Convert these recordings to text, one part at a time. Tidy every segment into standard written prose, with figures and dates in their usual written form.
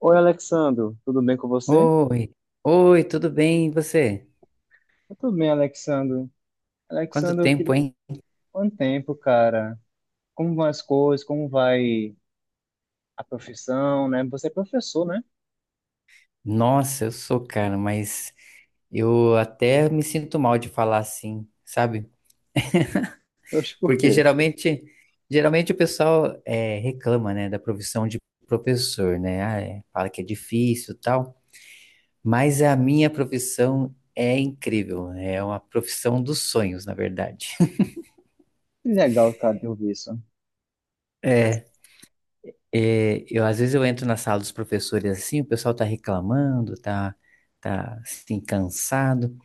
Oi, Alexandro, tudo bem com você? Oi, oi, tudo bem? E você? Tá tudo bem, Alexandro? Quanto Alexandro, eu tempo, queria... hein? Quanto tempo, cara? Como vão as coisas? Como vai a profissão, né? Você é professor, né? Nossa, eu sou, cara, mas eu até me sinto mal de falar assim, sabe? Oxe, por Porque quê? geralmente o pessoal reclama, né, da profissão de professor, né? Ah, é, fala que é difícil, e tal. Mas a minha profissão é incrível, é uma profissão dos sonhos, na verdade. Que legal, cara, de ouvir isso. É, eu às vezes eu entro na sala dos professores assim, o pessoal tá reclamando, tá assim cansado,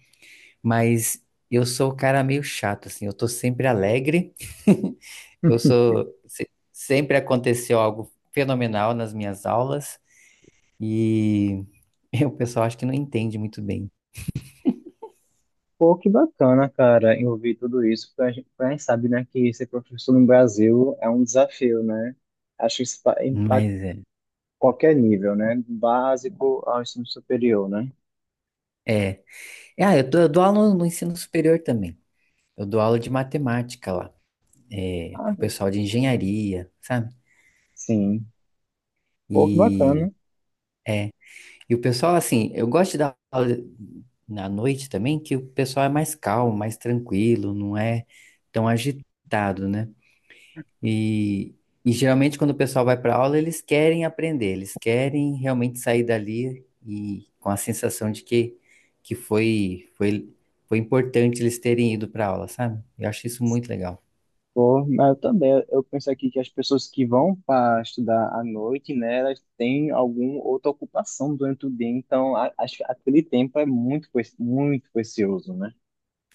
mas eu sou o cara meio chato assim, eu tô sempre alegre. Eu sou se- Sempre aconteceu algo fenomenal nas minhas aulas e o pessoal acho que não entende muito bem, Pô, que bacana, cara, em ouvir tudo isso, porque a gente sabe, né, que ser professor no Brasil é um desafio, né? Acho que isso impacta mas é. qualquer nível, né? Do básico ao ensino superior, né? É, é, eu dou aula no ensino superior também. Eu dou aula de matemática lá, Ah, pro pessoal de engenharia, sabe? sim. Pô, que e bacana. E o pessoal, assim, eu gosto de dar aula na noite também, que o pessoal é mais calmo, mais tranquilo, não é tão agitado, né? E, e geralmente quando o pessoal vai para aula, eles querem aprender, eles querem realmente sair dali e com a sensação de que foi importante eles terem ido para aula, sabe? Eu acho isso muito legal. Pô, mas eu também, eu penso aqui que as pessoas que vão para estudar à noite, né, elas têm alguma outra ocupação durante o dia, então acho que aquele tempo é muito, muito precioso, né?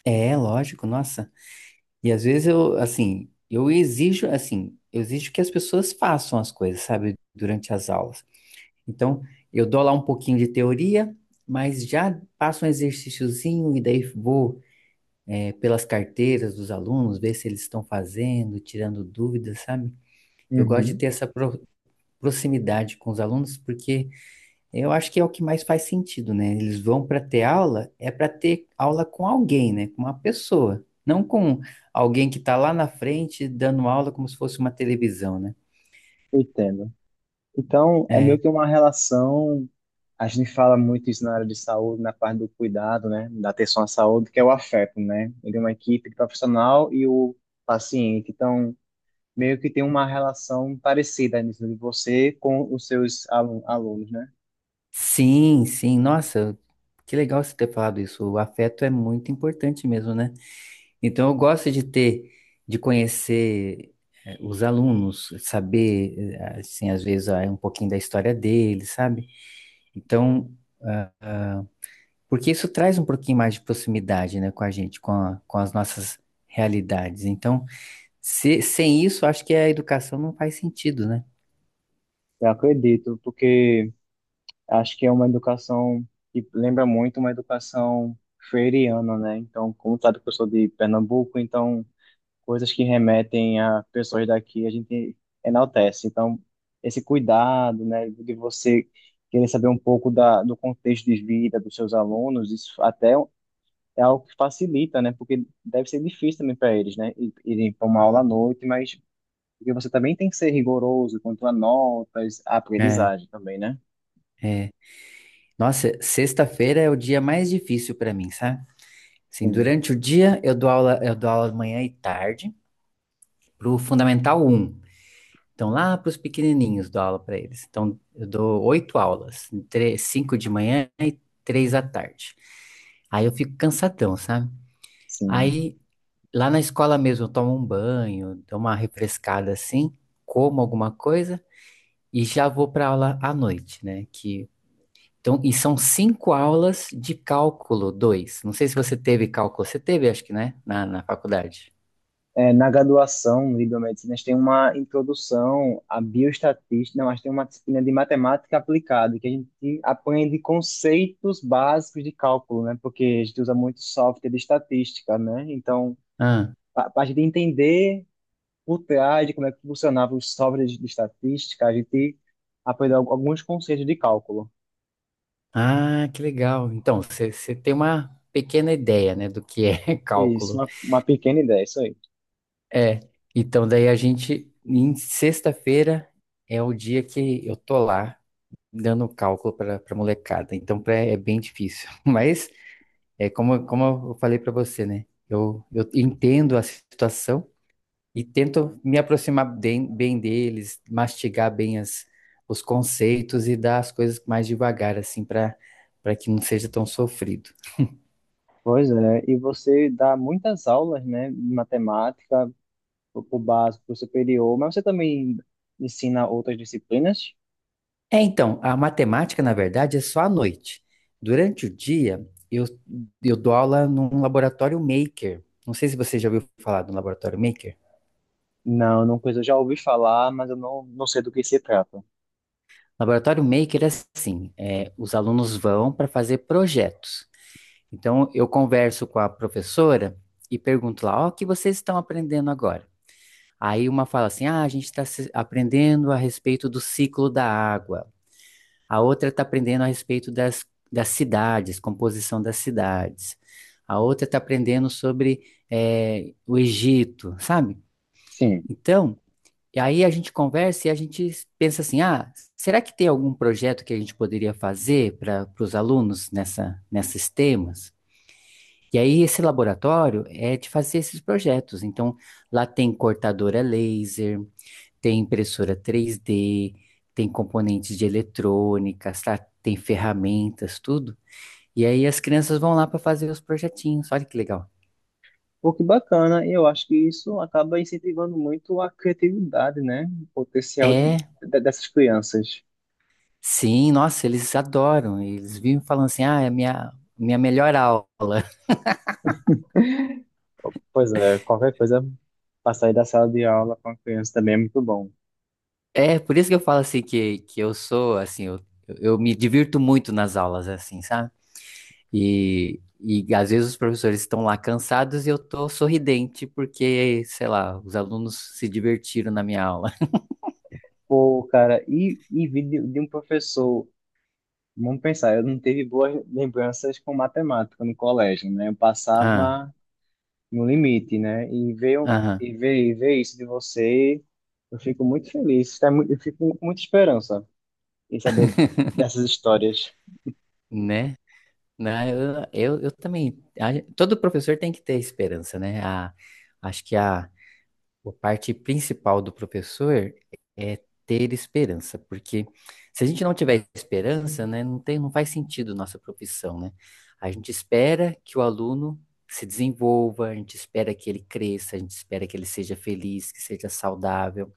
É, lógico, nossa. E às vezes eu, assim, eu exijo que as pessoas façam as coisas, sabe, durante as aulas. Então, eu dou lá um pouquinho de teoria, mas já passo um exercíciozinho e daí vou, pelas carteiras dos alunos, ver se eles estão fazendo, tirando dúvidas, sabe? Eu gosto de Uhum. ter essa proximidade com os alunos, porque eu acho que é o que mais faz sentido, né? Eles vão para ter aula, é para ter aula com alguém, né? Com uma pessoa, não com alguém que está lá na frente dando aula como se fosse uma televisão, né? Eu entendo. Então, é É. meio que uma relação, a gente fala muito isso na área de saúde, na parte do cuidado, né, da atenção à saúde, que é o afeto, né? Ele é uma equipe de profissional e o paciente, então meio que tem uma relação parecida nisso de você com os seus alunos, né? Sim, sim, nossa, que legal você ter falado isso. O afeto é muito importante mesmo, né? Então eu gosto de ter, de conhecer os alunos, saber, assim, às vezes um pouquinho da história deles, sabe? Então, ah, porque isso traz um pouquinho mais de proximidade, né, com a gente, com com as nossas realidades. Então, sem isso, acho que a educação não faz sentido, né? Eu acredito, porque acho que é uma educação que lembra muito uma educação freiriana, né? Então, como sabe que eu sou de Pernambuco, então coisas que remetem a pessoas daqui a gente enaltece. Então, esse cuidado, né, de você querer saber um pouco do contexto de vida dos seus alunos, isso até é algo que facilita, né? Porque deve ser difícil também para eles, né? Irem para uma aula à noite, mas porque você também tem que ser rigoroso quanto a notas, a É, aprendizagem também, né? é. Nossa, sexta-feira é o dia mais difícil para mim, sabe? Sim, Sim, durante o dia eu dou aula manhã e tarde para o Fundamental um. Então, lá para os pequenininhos dou aula para eles. Então, eu dou oito aulas, cinco de manhã e três à tarde. Aí eu fico cansadão, sabe? sim. Aí, lá na escola mesmo, eu tomo um banho, dou uma refrescada assim, como alguma coisa e já vou para aula à noite, né? Que, então, e são cinco aulas de cálculo 2. Não sei se você teve cálculo, você teve, acho que, né? Na faculdade. É, na graduação de biomedicinas tem uma introdução à bioestatística, não, acho que tem uma disciplina de matemática aplicada, que a gente aprende conceitos básicos de cálculo, né? Porque a gente usa muito software de estatística, né? Então, Ah, para a gente entender por trás de como é que funcionava os softwares de estatística, a gente aprende alguns conceitos de cálculo. ah, que legal. Então, você tem uma pequena ideia, né, do que é Isso, cálculo. Uma pequena ideia, isso aí. É, então daí a gente, em sexta-feira, é o dia que eu tô lá dando cálculo para molecada. Então é bem difícil. Mas é como eu falei para você, né? Eu entendo a situação e tento me aproximar bem, bem deles, mastigar bem os conceitos e dar as coisas mais devagar, assim, para que não seja tão sofrido. Pois é, e você dá muitas aulas, né, de matemática, pro básico, pro superior, mas você também ensina outras disciplinas? É, então, a matemática, na verdade, é só à noite. Durante o dia, eu dou aula num laboratório maker. Não sei se você já ouviu falar do laboratório maker. Não, não coisa, eu já ouvi falar, mas eu não, não sei do que se trata. Laboratório maker é assim, os alunos vão para fazer projetos. Então, eu converso com a professora e pergunto lá, ó, o que vocês estão aprendendo agora? Aí uma fala assim, ah, a gente está aprendendo a respeito do ciclo da água. A outra está aprendendo a respeito das cidades, composição das cidades. A outra está aprendendo sobre o Egito, sabe? Sim. Então, e aí a gente conversa e a gente pensa assim: ah, será que tem algum projeto que a gente poderia fazer para os alunos nesses temas? E aí esse laboratório é de fazer esses projetos. Então, lá tem cortadora laser, tem impressora 3D, tem componentes de eletrônica, tem ferramentas, tudo. E aí as crianças vão lá para fazer os projetinhos. Olha que legal. Pô, que bacana, e eu acho que isso acaba incentivando muito a criatividade, né? O potencial É, dessas crianças. sim, nossa, eles adoram. Eles vivem falando assim: ah, é a minha melhor aula. Pois é, qualquer coisa para sair da sala de aula com a criança também é muito bom. É, por isso que eu falo assim que eu sou, assim, eu me divirto muito nas aulas, assim, sabe? E às vezes os professores estão lá cansados e eu tô sorridente porque, sei lá, os alunos se divertiram na minha aula. Pô, cara, e vi de um professor, vamos pensar, eu não tive boas lembranças com matemática no colégio, né? Eu passava no limite, né? E ver, o- Aham, e ver, E ver isso de você, eu fico muito feliz. Eu fico com muita esperança em saber dessas histórias. né? Né, Eu também. Todo professor tem que ter esperança, né? Acho que a parte principal do professor é ter esperança, porque se a gente não tiver esperança, né, não tem, não faz sentido nossa profissão, né? A gente espera que o aluno se desenvolva, a gente espera que ele cresça, a gente espera que ele seja feliz, que seja saudável,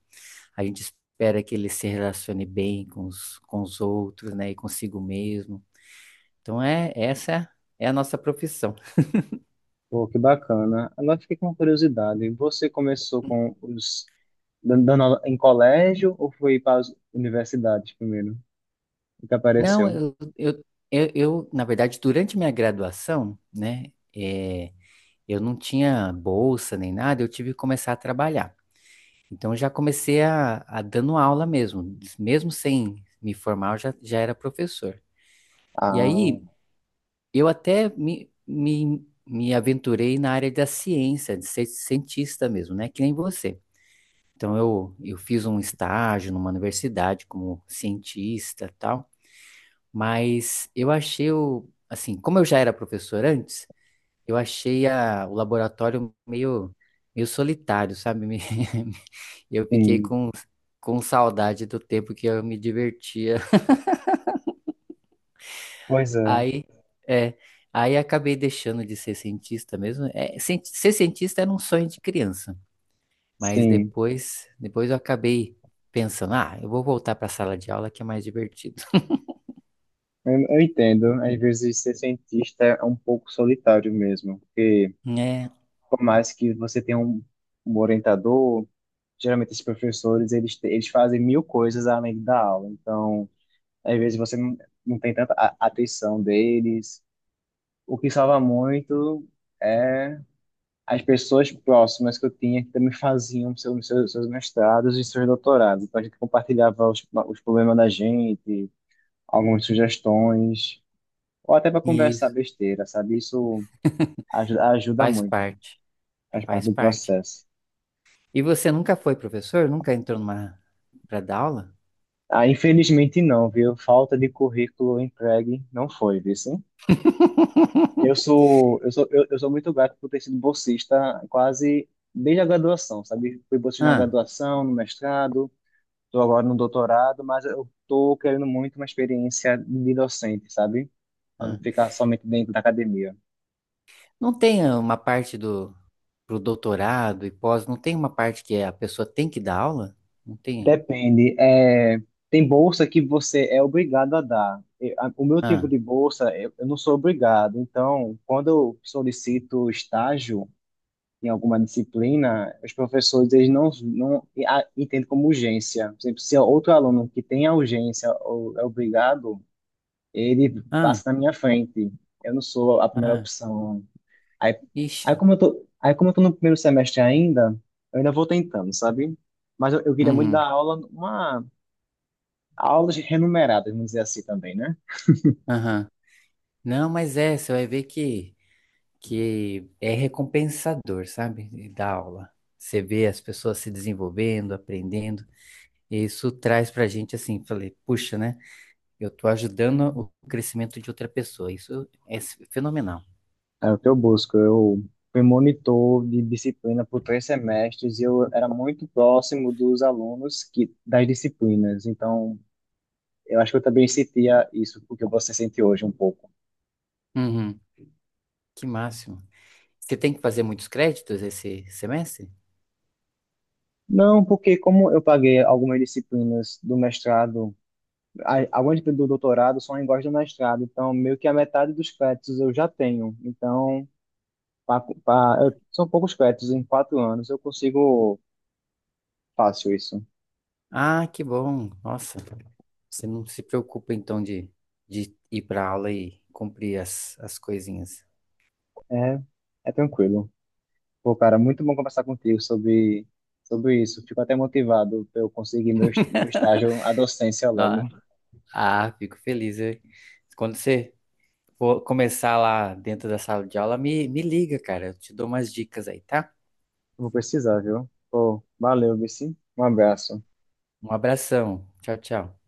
a gente espera que ele se relacione bem com os, outros, né, e consigo mesmo. Então é essa é a nossa profissão. Pô, que bacana. Agora eu fiquei com uma curiosidade. Você começou com os dando aula em colégio ou foi para as universidades primeiro? O que Não, apareceu? eu, na verdade, durante minha graduação, né, é, eu não tinha bolsa nem nada, eu tive que começar a trabalhar. Então eu já comecei a dando aula mesmo, mesmo sem me formar, eu já era professor. E Ah, aí eu até me aventurei na área da ciência, de ser cientista mesmo, né, que nem você. Então eu fiz um estágio numa universidade como cientista, e tal. Mas eu achei assim, como eu já era professor antes, eu achei o laboratório meio solitário, sabe? Eu fiquei sim. Com saudade do tempo que eu me divertia. Pois é. Aí, é, aí acabei deixando de ser cientista mesmo. É, ser cientista era um sonho de criança, mas Sim. Depois eu acabei pensando, ah, eu vou voltar para a sala de aula que é mais divertido. Eu entendo. Às vezes ser cientista é um pouco solitário mesmo, porque É, por mais que você tenha um orientador, geralmente os professores, eles, eles fazem mil coisas além da aula. Então, às vezes você não, não tem tanta atenção deles. O que salva muito é as pessoas próximas que eu tinha que também faziam seus mestrados e seus doutorados. Então, a gente compartilhava os problemas da gente, algumas sugestões, ou até para conversar isso besteira, sabe? Isso ajuda, ajuda faz muito, parte, faz parte faz do parte. processo. E você nunca foi professor? Nunca entrou numa para dar aula? Ah, infelizmente não, viu? Falta de currículo entregue não foi, viu? Sim? Eu sou, eu sou, eu, eu sou muito grato por ter sido bolsista quase desde a graduação, sabe? Fui bolsista na Ah, graduação, no mestrado, estou agora no doutorado, mas eu estou querendo muito uma experiência de docente, sabe? Para não ah. ficar somente dentro da academia. Não tem uma parte do pro doutorado e pós, não tem uma parte que a pessoa tem que dar aula? Não tem. Depende. É, tem bolsa que você é obrigado a dar. O meu tipo Ah, de bolsa, eu não sou obrigado. Então, quando eu solicito estágio em alguma disciplina, os professores eles não, entendem como urgência. Por exemplo, se é outro aluno que tem a urgência ou é obrigado, ele ah, passa na minha frente. Eu não sou a primeira ah. opção. Aí, aí Ixi. como eu tô, aí como eu tô no primeiro semestre ainda, eu ainda vou tentando, sabe? Mas eu queria muito dar Uhum, aula, uma aulas renumeradas, vamos dizer assim também, né? aham. Não, mas é, você vai ver que é recompensador, sabe? Dar aula. Você vê as pessoas se desenvolvendo, aprendendo, e isso traz pra gente assim, falei, puxa, né? Eu tô ajudando o crescimento de outra pessoa. Isso é fenomenal. É o que eu busco. Eu fui monitor de disciplina por três semestres e eu era muito próximo dos alunos que das disciplinas. Então, eu acho que eu também sentia isso, porque você sente hoje um pouco. Uhum, que máximo. Você tem que fazer muitos créditos esse semestre? Não, porque como eu paguei algumas disciplinas do mestrado, algumas do doutorado são iguais do mestrado, então meio que a metade dos créditos eu já tenho. Então, são poucos créditos em quatro anos, eu consigo fácil isso. Ah, que bom. Nossa, você não se preocupa então de ir para aula e cumprir as coisinhas. É, é tranquilo. Pô, cara, muito bom conversar contigo sobre, sobre isso. Fico até motivado pra eu conseguir meu estágio, a docência Ah, logo. ah, fico feliz. Quando você for começar lá dentro da sala de aula, me liga, cara. Eu te dou umas dicas aí, tá? Vou precisar, viu? Pô, valeu, Vici. Um abraço. Um abração. Tchau, tchau.